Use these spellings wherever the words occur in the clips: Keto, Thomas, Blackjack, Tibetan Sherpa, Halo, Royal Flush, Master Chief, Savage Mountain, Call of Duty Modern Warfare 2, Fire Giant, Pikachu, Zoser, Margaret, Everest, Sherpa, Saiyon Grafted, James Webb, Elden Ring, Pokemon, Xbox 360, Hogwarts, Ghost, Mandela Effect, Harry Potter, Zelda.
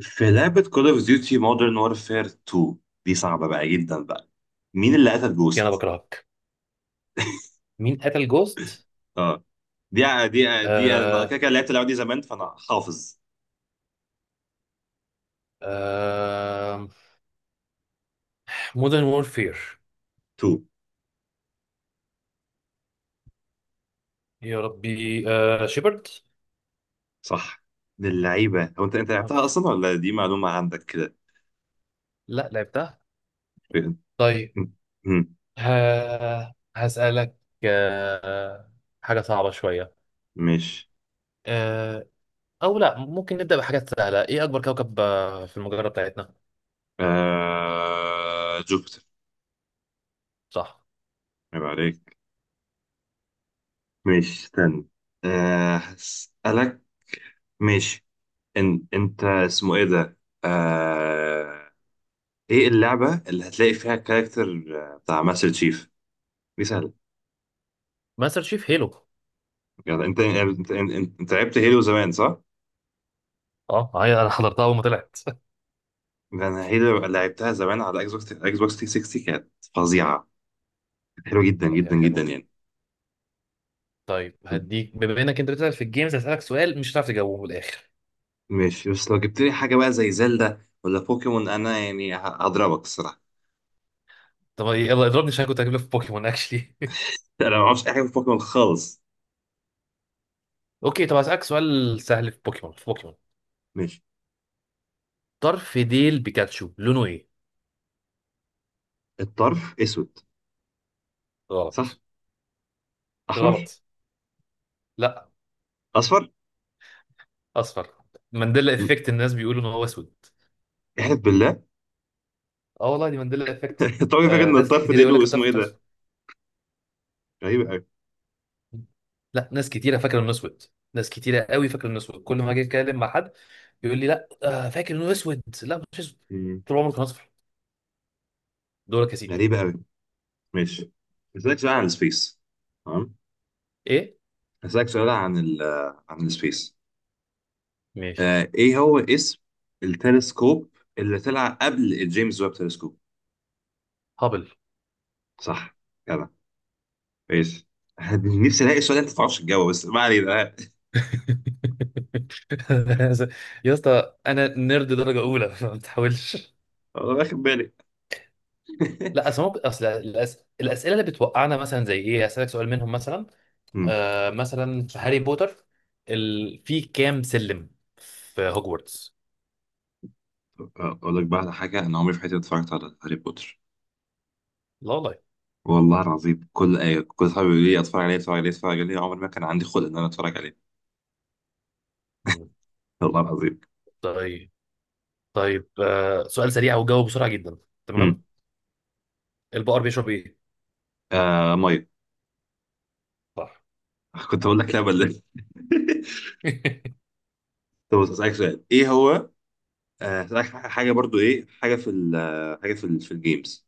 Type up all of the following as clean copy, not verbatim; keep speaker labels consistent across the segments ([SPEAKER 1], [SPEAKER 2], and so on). [SPEAKER 1] في لعبة كول اوف ديوتي مودرن وورفير 2 دي صعبة بقى جدا بقى. مين اللي قتل
[SPEAKER 2] انا
[SPEAKER 1] جوست؟
[SPEAKER 2] بكرهك. مين قتل جوست؟
[SPEAKER 1] اه، دي انا كده
[SPEAKER 2] آه.
[SPEAKER 1] كده لعبت اللعبة دي زمان فانا حافظ.
[SPEAKER 2] آه. مودرن وورفير.
[SPEAKER 1] 2
[SPEAKER 2] يا ربي، شيبرد.
[SPEAKER 1] صح. من اللعيبة، هو انت لعبتها اصلا ولا دي معلومة عندك كده؟
[SPEAKER 2] لا، لعبتها.
[SPEAKER 1] م-
[SPEAKER 2] طيب.
[SPEAKER 1] م-
[SPEAKER 2] ها، هسألك. آه. حاجة صعبة شوية.
[SPEAKER 1] ماشي.
[SPEAKER 2] آه أو لا، ممكن نبدأ بحاجات سهلة. إيه أكبر كوكب في المجرة بتاعتنا؟
[SPEAKER 1] جوبيتر.
[SPEAKER 2] صح.
[SPEAKER 1] عيب عليك. ماشي، استنى. هسألك. ماشي. انت اسمه ايه ده؟ آه... ايه اللعبة اللي هتلاقي فيها الكاركتر بتاع ماستر تشيف؟ دي سهلة.
[SPEAKER 2] ماستر شيف هيلو.
[SPEAKER 1] يعني انت لعبت هيلو زمان صح؟
[SPEAKER 2] أه، هي أنا حضرتها أول ما طلعت.
[SPEAKER 1] ده انا هيلو لعبتها زمان على اكس بوكس 360، كانت فظيعة. كانت حلوة جدا
[SPEAKER 2] لا، هي
[SPEAKER 1] جدا جدا
[SPEAKER 2] حلوة.
[SPEAKER 1] يعني.
[SPEAKER 2] طيب، هديك، بما إنك أنت بتسأل في الجيمز، هسألك سؤال مش هتعرف تجاوبه من الآخر.
[SPEAKER 1] ماشي، بس لو جبت لي حاجة بقى زي زلدا ولا بوكيمون انا يعني هضربك الصراحة.
[SPEAKER 2] طب يلا اضربني، عشان كنت هجيب لك في بوكيمون اكشلي.
[SPEAKER 1] لا، انا ما اعرفش اي حاجة في بوكيمون خالص.
[SPEAKER 2] اوكي، طب هسألك سؤال سهل في بوكيمون. في بوكيمون
[SPEAKER 1] ماشي.
[SPEAKER 2] طرف ديل بيكاتشو لونه ايه؟
[SPEAKER 1] الطرف اسود. صح؟
[SPEAKER 2] غلط.
[SPEAKER 1] احمر؟
[SPEAKER 2] غلط. لا.
[SPEAKER 1] اصفر؟
[SPEAKER 2] اصفر. مانديلا
[SPEAKER 1] م-
[SPEAKER 2] افكت. الناس بيقولوا ان هو اسود.
[SPEAKER 1] احلف بالله.
[SPEAKER 2] اه والله، دي مانديلا افكت.
[SPEAKER 1] طبعا فاكر ان
[SPEAKER 2] ناس
[SPEAKER 1] الطرف
[SPEAKER 2] كتيره
[SPEAKER 1] ده
[SPEAKER 2] يقول
[SPEAKER 1] له،
[SPEAKER 2] لك
[SPEAKER 1] اسمه
[SPEAKER 2] الطرف
[SPEAKER 1] ايه
[SPEAKER 2] بتاع
[SPEAKER 1] ده؟
[SPEAKER 2] اسود.
[SPEAKER 1] غريبة قوي.
[SPEAKER 2] لا، ناس كتيره فاكره انه اسود. ناس كتيره قوي فاكره انه اسود. كل ما اجي اتكلم مع حد يقول لي لا فاكر انه اسود. لا، مش اسود. طول عمره كان اصفر. دورك يا سيدي.
[SPEAKER 1] غريبة قوي. ماشي، هسألك سؤال عن السبيس. تمام.
[SPEAKER 2] ايه؟
[SPEAKER 1] هسألك سؤال عن السبيس.
[SPEAKER 2] ماشي.
[SPEAKER 1] آه، ايه هو اسم التلسكوب اللي طلع قبل الجيمس ويب تلسكوب؟
[SPEAKER 2] هابل.
[SPEAKER 1] صح. كده. ماشي. نفسي الاقي السؤال ده انت ما تعرفش تجاوبه بس ما علينا. آه،
[SPEAKER 2] يا اسطى، انا نيرد درجه اولى، ما تحاولش.
[SPEAKER 1] انا واخد بالي.
[SPEAKER 2] لا اصل، ممكن اصل الاسئله اللي بتوقعنا مثلا زي، ايه، اسالك سؤال منهم مثلا.
[SPEAKER 1] مم.
[SPEAKER 2] مثلا في هاري بوتر، في كام سلم في هوجورتس؟
[SPEAKER 1] اقول لك بقى على حاجه، انا عمري في حياتي ما اتفرجت على هاري بوتر.
[SPEAKER 2] لا والله.
[SPEAKER 1] والله العظيم، كل آية كل صحابي بيقولوا لي اتفرج عليه اتفرج عليه اتفرج عليه، عمري ما كان عندي خلق ان انا اتفرج عليه.
[SPEAKER 2] مم.
[SPEAKER 1] والله العظيم.
[SPEAKER 2] طيب. طيب، سؤال سريع، وجاوب بسرعه جدا. تمام.
[SPEAKER 1] مم.
[SPEAKER 2] البقر بيشرب ايه؟
[SPEAKER 1] آه، ميه.
[SPEAKER 2] صح.
[SPEAKER 1] كنت اقول لك لبن. طب بص، هسألك سؤال ايه هو. آه، هسألك حاجة برضو، ايه حاجة في ال حاجة في الجيمز،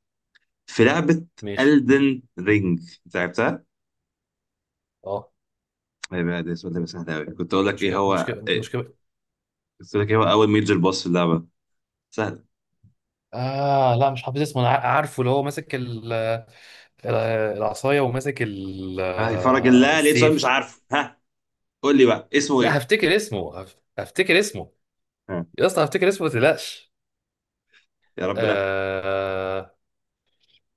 [SPEAKER 1] في لعبة
[SPEAKER 2] ماشي.
[SPEAKER 1] Elden Ring، انت لعبتها؟
[SPEAKER 2] اه،
[SPEAKER 1] ايه بقى، ده السؤال ده بقى سهل قوي. كنت اقول لك ايه
[SPEAKER 2] مشكله
[SPEAKER 1] هو
[SPEAKER 2] مشكله
[SPEAKER 1] إيه؟
[SPEAKER 2] مشكله.
[SPEAKER 1] كنت اقول لك ايه هو اول ميجر بوس في اللعبة، سهل.
[SPEAKER 2] لا، مش حافظ اسمه. أنا عارفه اللي هو ماسك ال- العصاية، وماسك
[SPEAKER 1] اه، فرج الله، لقيت سؤال مش
[SPEAKER 2] السيف.
[SPEAKER 1] عارفه، ها. قول لي بقى اسمه
[SPEAKER 2] لا،
[SPEAKER 1] ايه؟
[SPEAKER 2] هفتكر اسمه. هفتكر اسمه.
[SPEAKER 1] ها.
[SPEAKER 2] يا اسطى هفتكر اسمه، ما تقلقش.
[SPEAKER 1] يا رب لا.
[SPEAKER 2] آه.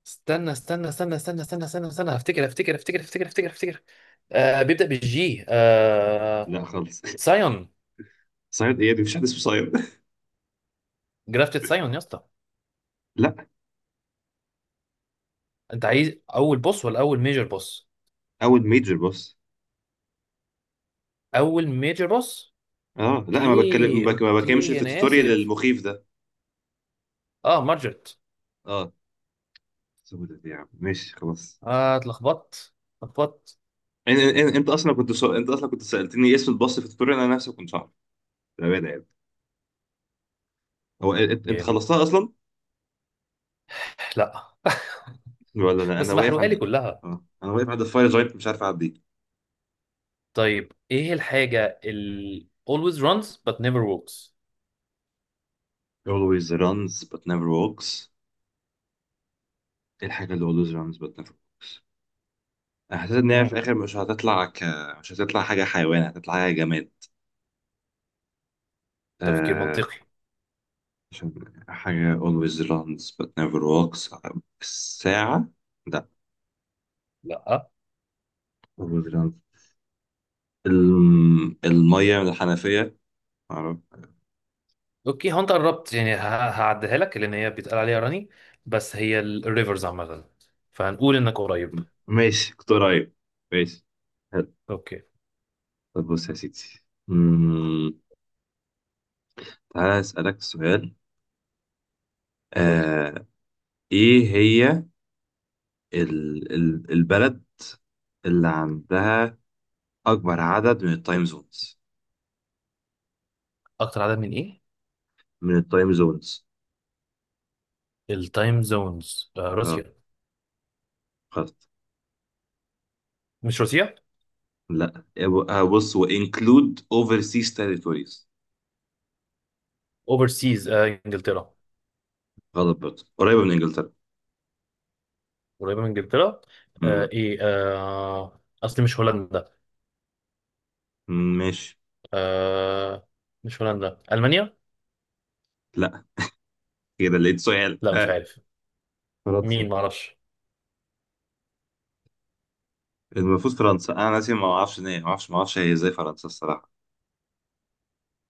[SPEAKER 2] استنى استنى استنى استنى استنى استنى استنى، هفتكر هفتكر هفتكر هفتكر هفتكر هفتكر. بيبدأ بالجي.
[SPEAKER 1] لا خالص.
[SPEAKER 2] سايون.
[SPEAKER 1] صياد ايه؟ دي مفيش حد اسمه صياد.
[SPEAKER 2] جرافتد سايون يا اسطى.
[SPEAKER 1] لا.
[SPEAKER 2] انت عايز اول بوس ولا اول ميجر بوس؟
[SPEAKER 1] اول ميجر بوس.
[SPEAKER 2] اول ميجر بوس.
[SPEAKER 1] اه لا، ما بتكلم
[SPEAKER 2] اوكي
[SPEAKER 1] ما بك- ما بكلمش
[SPEAKER 2] اوكي،
[SPEAKER 1] في
[SPEAKER 2] انا
[SPEAKER 1] التوتوريال
[SPEAKER 2] اسف.
[SPEAKER 1] المخيف ده.
[SPEAKER 2] اه، مارجرت.
[SPEAKER 1] اه، سودة دي يا عم، ماشي خلاص.
[SPEAKER 2] اه، اتلخبطت اتلخبطت.
[SPEAKER 1] إن- انت اصلا انت اصلا كنت سالتني إيه اسم الباص في التوتوريال، انا نفسي كنت عارف، بامانه يعني. هو انت
[SPEAKER 2] جامد.
[SPEAKER 1] خلصتها اصلا
[SPEAKER 2] لا.
[SPEAKER 1] ولا لا؟ انا
[SPEAKER 2] بس
[SPEAKER 1] واقف
[SPEAKER 2] محروقه لي
[SPEAKER 1] عند،
[SPEAKER 2] كلها.
[SPEAKER 1] اه انا واقف عند الفاير جاينت، مش عارف اعدي.
[SPEAKER 2] طيب، ايه الحاجه اللي always runs but never walks؟
[SPEAKER 1] always runs but never walks. ايه الحاجه اللي always runs but never walks؟ انا حسيت ان هي في
[SPEAKER 2] مم.
[SPEAKER 1] الاخر مش هتطلع حاجه حيوان، هتطلع حاجه جماد.
[SPEAKER 2] تفكير
[SPEAKER 1] آه...
[SPEAKER 2] منطقي.
[SPEAKER 1] عشان حاجه always runs but never walks. الساعه. لا.
[SPEAKER 2] لا.
[SPEAKER 1] always runs. الميه من الحنفيه. معرفش.
[SPEAKER 2] اوكي، هو انت قربت يعني، هعديها لك، لان هي بيتقال عليها راني، بس هي الريفرز عامه، فهنقول انك قريب.
[SPEAKER 1] ماشي، كنت قريب. ماشي. حلو.
[SPEAKER 2] اوكي.
[SPEAKER 1] طب بص يا سيدي، مم، تعالى أسألك سؤال.
[SPEAKER 2] قول لي.
[SPEAKER 1] آه، إيه هي البلد اللي عندها أكبر عدد من التايم زونز؟
[SPEAKER 2] اكتر عدد من ايه؟
[SPEAKER 1] من التايم زونز.
[SPEAKER 2] التايم زونز.
[SPEAKER 1] اه.
[SPEAKER 2] روسيا.
[SPEAKER 1] غلط.
[SPEAKER 2] مش روسيا.
[SPEAKER 1] لا. آه، بص، وانكلود overseas territories.
[SPEAKER 2] اوفرسيز. انجلترا.
[SPEAKER 1] غلط برضه، قريبة من إنجلترا.
[SPEAKER 2] قريبه من انجلترا. آه
[SPEAKER 1] مم.
[SPEAKER 2] ايه آه اصلي مش هولندا.
[SPEAKER 1] مم، ماشي.
[SPEAKER 2] آه. مش هولندا، ألمانيا.
[SPEAKER 1] لا. كده لقيت سؤال.
[SPEAKER 2] لا، مش
[SPEAKER 1] آه.
[SPEAKER 2] عارف.
[SPEAKER 1] فرنسا.
[SPEAKER 2] مين؟ معرفش.
[SPEAKER 1] المفروض فرنسا. انا ناسي، ما اعرفش إن ما اعرفش، ما اعرفش هي ازاي فرنسا الصراحه.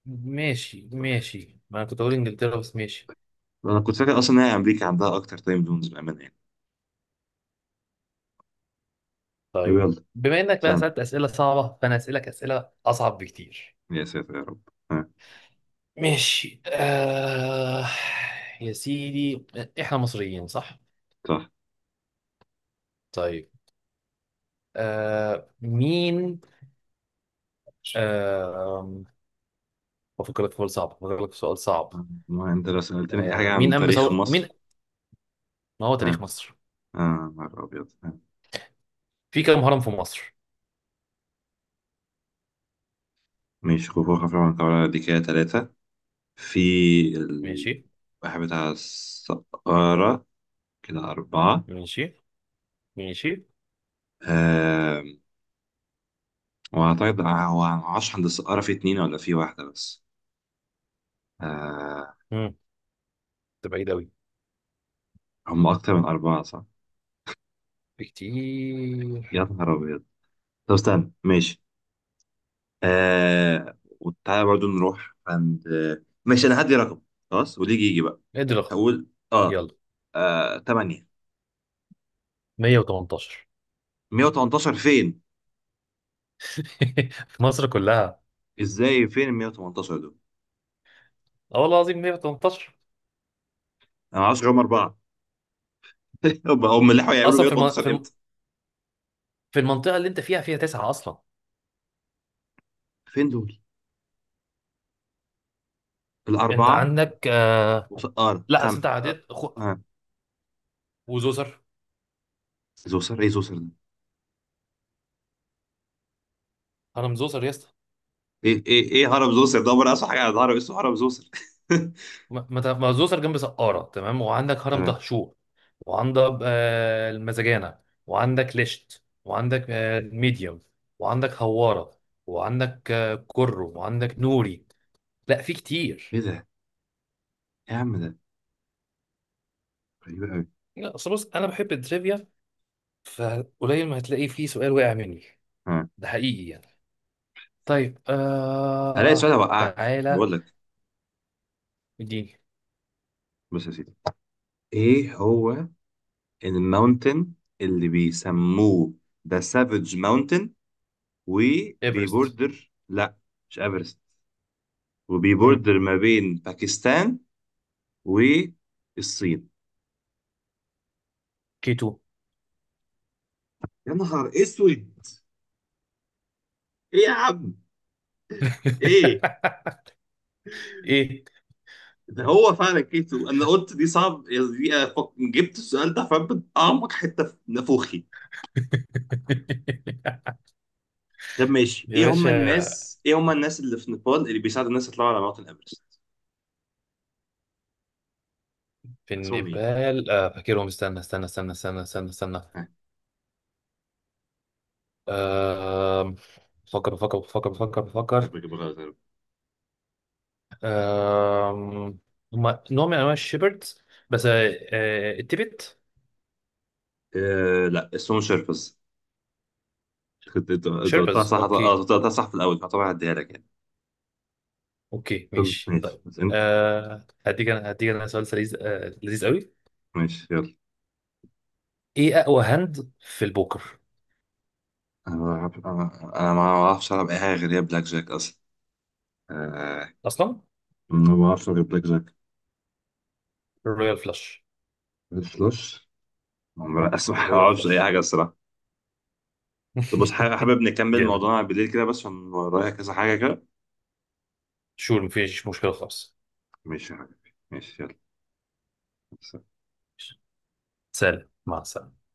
[SPEAKER 2] ماشي ماشي، ما انا كنت اقول انجلترا، بس ماشي.
[SPEAKER 1] انا كنت فاكر اصلا ان هي امريكا عندها اكتر تايم زونز بامانه يعني.
[SPEAKER 2] طيب،
[SPEAKER 1] يلا.
[SPEAKER 2] بما انك بقى
[SPEAKER 1] سنة.
[SPEAKER 2] سألت اسئله صعبه، فانا اسالك اسئله اصعب بكتير.
[SPEAKER 1] يا ساتر يا رب. ها.
[SPEAKER 2] ماشي. يا سيدي، احنا مصريين صح؟
[SPEAKER 1] صح.
[SPEAKER 2] طيب. آه... مين آه... بفكر لك في سؤال صعب، بفكر لك في سؤال صعب.
[SPEAKER 1] ما انت لو سالتني اي حاجه
[SPEAKER 2] مين
[SPEAKER 1] عن
[SPEAKER 2] قام
[SPEAKER 1] تاريخ
[SPEAKER 2] بثوره؟ مين؟
[SPEAKER 1] مصر.
[SPEAKER 2] ما هو
[SPEAKER 1] ها.
[SPEAKER 2] تاريخ مصر.
[SPEAKER 1] اه، نهار ابيض. ها.
[SPEAKER 2] في كام هرم في مصر؟
[SPEAKER 1] ماشي، خفوخ خفرع، من دي كده ثلاثه. في ال-
[SPEAKER 2] ماشي.
[SPEAKER 1] واحد بتاع السقارة، كده أربعة.
[SPEAKER 2] ماشي. ماشي.
[SPEAKER 1] آم، وأعتقد هو معرفش عند السقارة في اتنين ولا في واحدة بس. آه،
[SPEAKER 2] ده بعيد أوي.
[SPEAKER 1] هم أكتر من أربعة صح؟
[SPEAKER 2] بكتير.
[SPEAKER 1] يا نهار أبيض. طب استنى، ماشي. آه، وتعالى برضو نروح عند، آه، ماشي انا هدي رقم. خلاص واللي يجي يجي بقى.
[SPEAKER 2] ادرخ.
[SPEAKER 1] هقول، اه،
[SPEAKER 2] يلا.
[SPEAKER 1] آه، 8.
[SPEAKER 2] 118.
[SPEAKER 1] 118 فين؟
[SPEAKER 2] في مصر كلها.
[SPEAKER 1] ازاي؟ فين ال 118 دول؟
[SPEAKER 2] اه والله العظيم، 118.
[SPEAKER 1] انا ما اعرفش هم اربعه. هم اللي حاولوا يعملوا
[SPEAKER 2] اصلا
[SPEAKER 1] 118 امتى؟
[SPEAKER 2] في المنطقه اللي انت فيها، فيها تسعه اصلا.
[SPEAKER 1] فين دول
[SPEAKER 2] انت
[SPEAKER 1] الاربعه؟
[SPEAKER 2] عندك
[SPEAKER 1] وسقاره
[SPEAKER 2] لا اصل،
[SPEAKER 1] خم
[SPEAKER 2] انت
[SPEAKER 1] آه.
[SPEAKER 2] عديت
[SPEAKER 1] آه.
[SPEAKER 2] وزوسر.
[SPEAKER 1] إيه زوسر؟ ايه زوسر ده؟
[SPEAKER 2] هرم زوسر يا اسطى.
[SPEAKER 1] ايه ايه ايه، هرم زوسر ده؟ انا اسمع حاجه عن هرم اسمه هرم زوسر.
[SPEAKER 2] ما زوسر جنب سقاره، تمام، وعندك هرم
[SPEAKER 1] تمام.
[SPEAKER 2] دهشور، وعندك المزجانه، وعندك ليشت، وعندك ميديوم، وعندك هواره، وعندك كرو، وعندك نوري. لا، في كتير.
[SPEAKER 1] ايه ده؟ إيه يا عم ده؟ غريب قوي.
[SPEAKER 2] لا اصل، بص، انا بحب التريفيا، فقليل ما هتلاقي فيه سؤال وقع مني، ده حقيقي يعني. طيب،
[SPEAKER 1] هلاقي سؤال هوقعك،
[SPEAKER 2] تعالى.
[SPEAKER 1] بقول لك.
[SPEAKER 2] اديني.
[SPEAKER 1] بص يا سيدي، ايه هو الماونتن اللي بيسموه ذا سافج ماونتن،
[SPEAKER 2] ايفرست.
[SPEAKER 1] وبيبوردر، لا مش ايفرست،
[SPEAKER 2] امم.
[SPEAKER 1] وبيبوردر ما بين باكستان والصين.
[SPEAKER 2] كيتو.
[SPEAKER 1] يا نهار اسود. ايه يا عم. ايه.
[SPEAKER 2] ايه.
[SPEAKER 1] ده هو فعلا كيتو. انا قلت دي صعب، جبت السؤال ده فبت اعمق حته في نافوخي. طب ماشي،
[SPEAKER 2] يا باشا،
[SPEAKER 1] ايه هم الناس اللي في نيبال اللي بيساعدوا الناس يطلعوا على موuntain ايفرست؟
[SPEAKER 2] في
[SPEAKER 1] اسمهم ايه؟
[SPEAKER 2] النيبال. فاكرهم. استنى استنى استنى استنى استنى استنى.
[SPEAKER 1] ها.
[SPEAKER 2] آه بفكر بفكر بفكر بفكر
[SPEAKER 1] يا
[SPEAKER 2] بفكر.
[SPEAKER 1] رب اجيبها غلط يا رب.
[SPEAKER 2] آه هم نوع من انواع الشيبردز، بس التبت.
[SPEAKER 1] آه لا، اسمهم شيربز. كنت، انت قلتها
[SPEAKER 2] شيربز.
[SPEAKER 1] صح، اه
[SPEAKER 2] اوكي
[SPEAKER 1] أنت قلتها صح في الاول فطبعا هديها لك يعني.
[SPEAKER 2] اوكي
[SPEAKER 1] طب
[SPEAKER 2] ماشي
[SPEAKER 1] ماشي
[SPEAKER 2] طيب.
[SPEAKER 1] بس انت،
[SPEAKER 2] هديك انا، هديك انا سؤال لذيذ، لذيذ قوي.
[SPEAKER 1] ماشي يلا.
[SPEAKER 2] ايه اقوى هاند في البوكر؟
[SPEAKER 1] انا ما بعرفش العب اي حاجه غير هي بلاك جاك اصلا. آه.
[SPEAKER 2] اصلا.
[SPEAKER 1] ما بعرفش غير بلاك جاك.
[SPEAKER 2] الرويال فلاش.
[SPEAKER 1] الفلاش. ما بعرفش، ما
[SPEAKER 2] الرويال
[SPEAKER 1] بعرفش اي
[SPEAKER 2] فلاش.
[SPEAKER 1] حاجه الصراحه. طب بص، حابب حابب نكمل
[SPEAKER 2] جامد.
[SPEAKER 1] موضوعنا بالليل كده، بس عشان ورايا كذا حاجه كده.
[SPEAKER 2] شور، مفيش مشكله خالص.
[SPEAKER 1] ماشي يا حبيبي ماشي. يلا.
[SPEAKER 2] سلام، مع السلامه.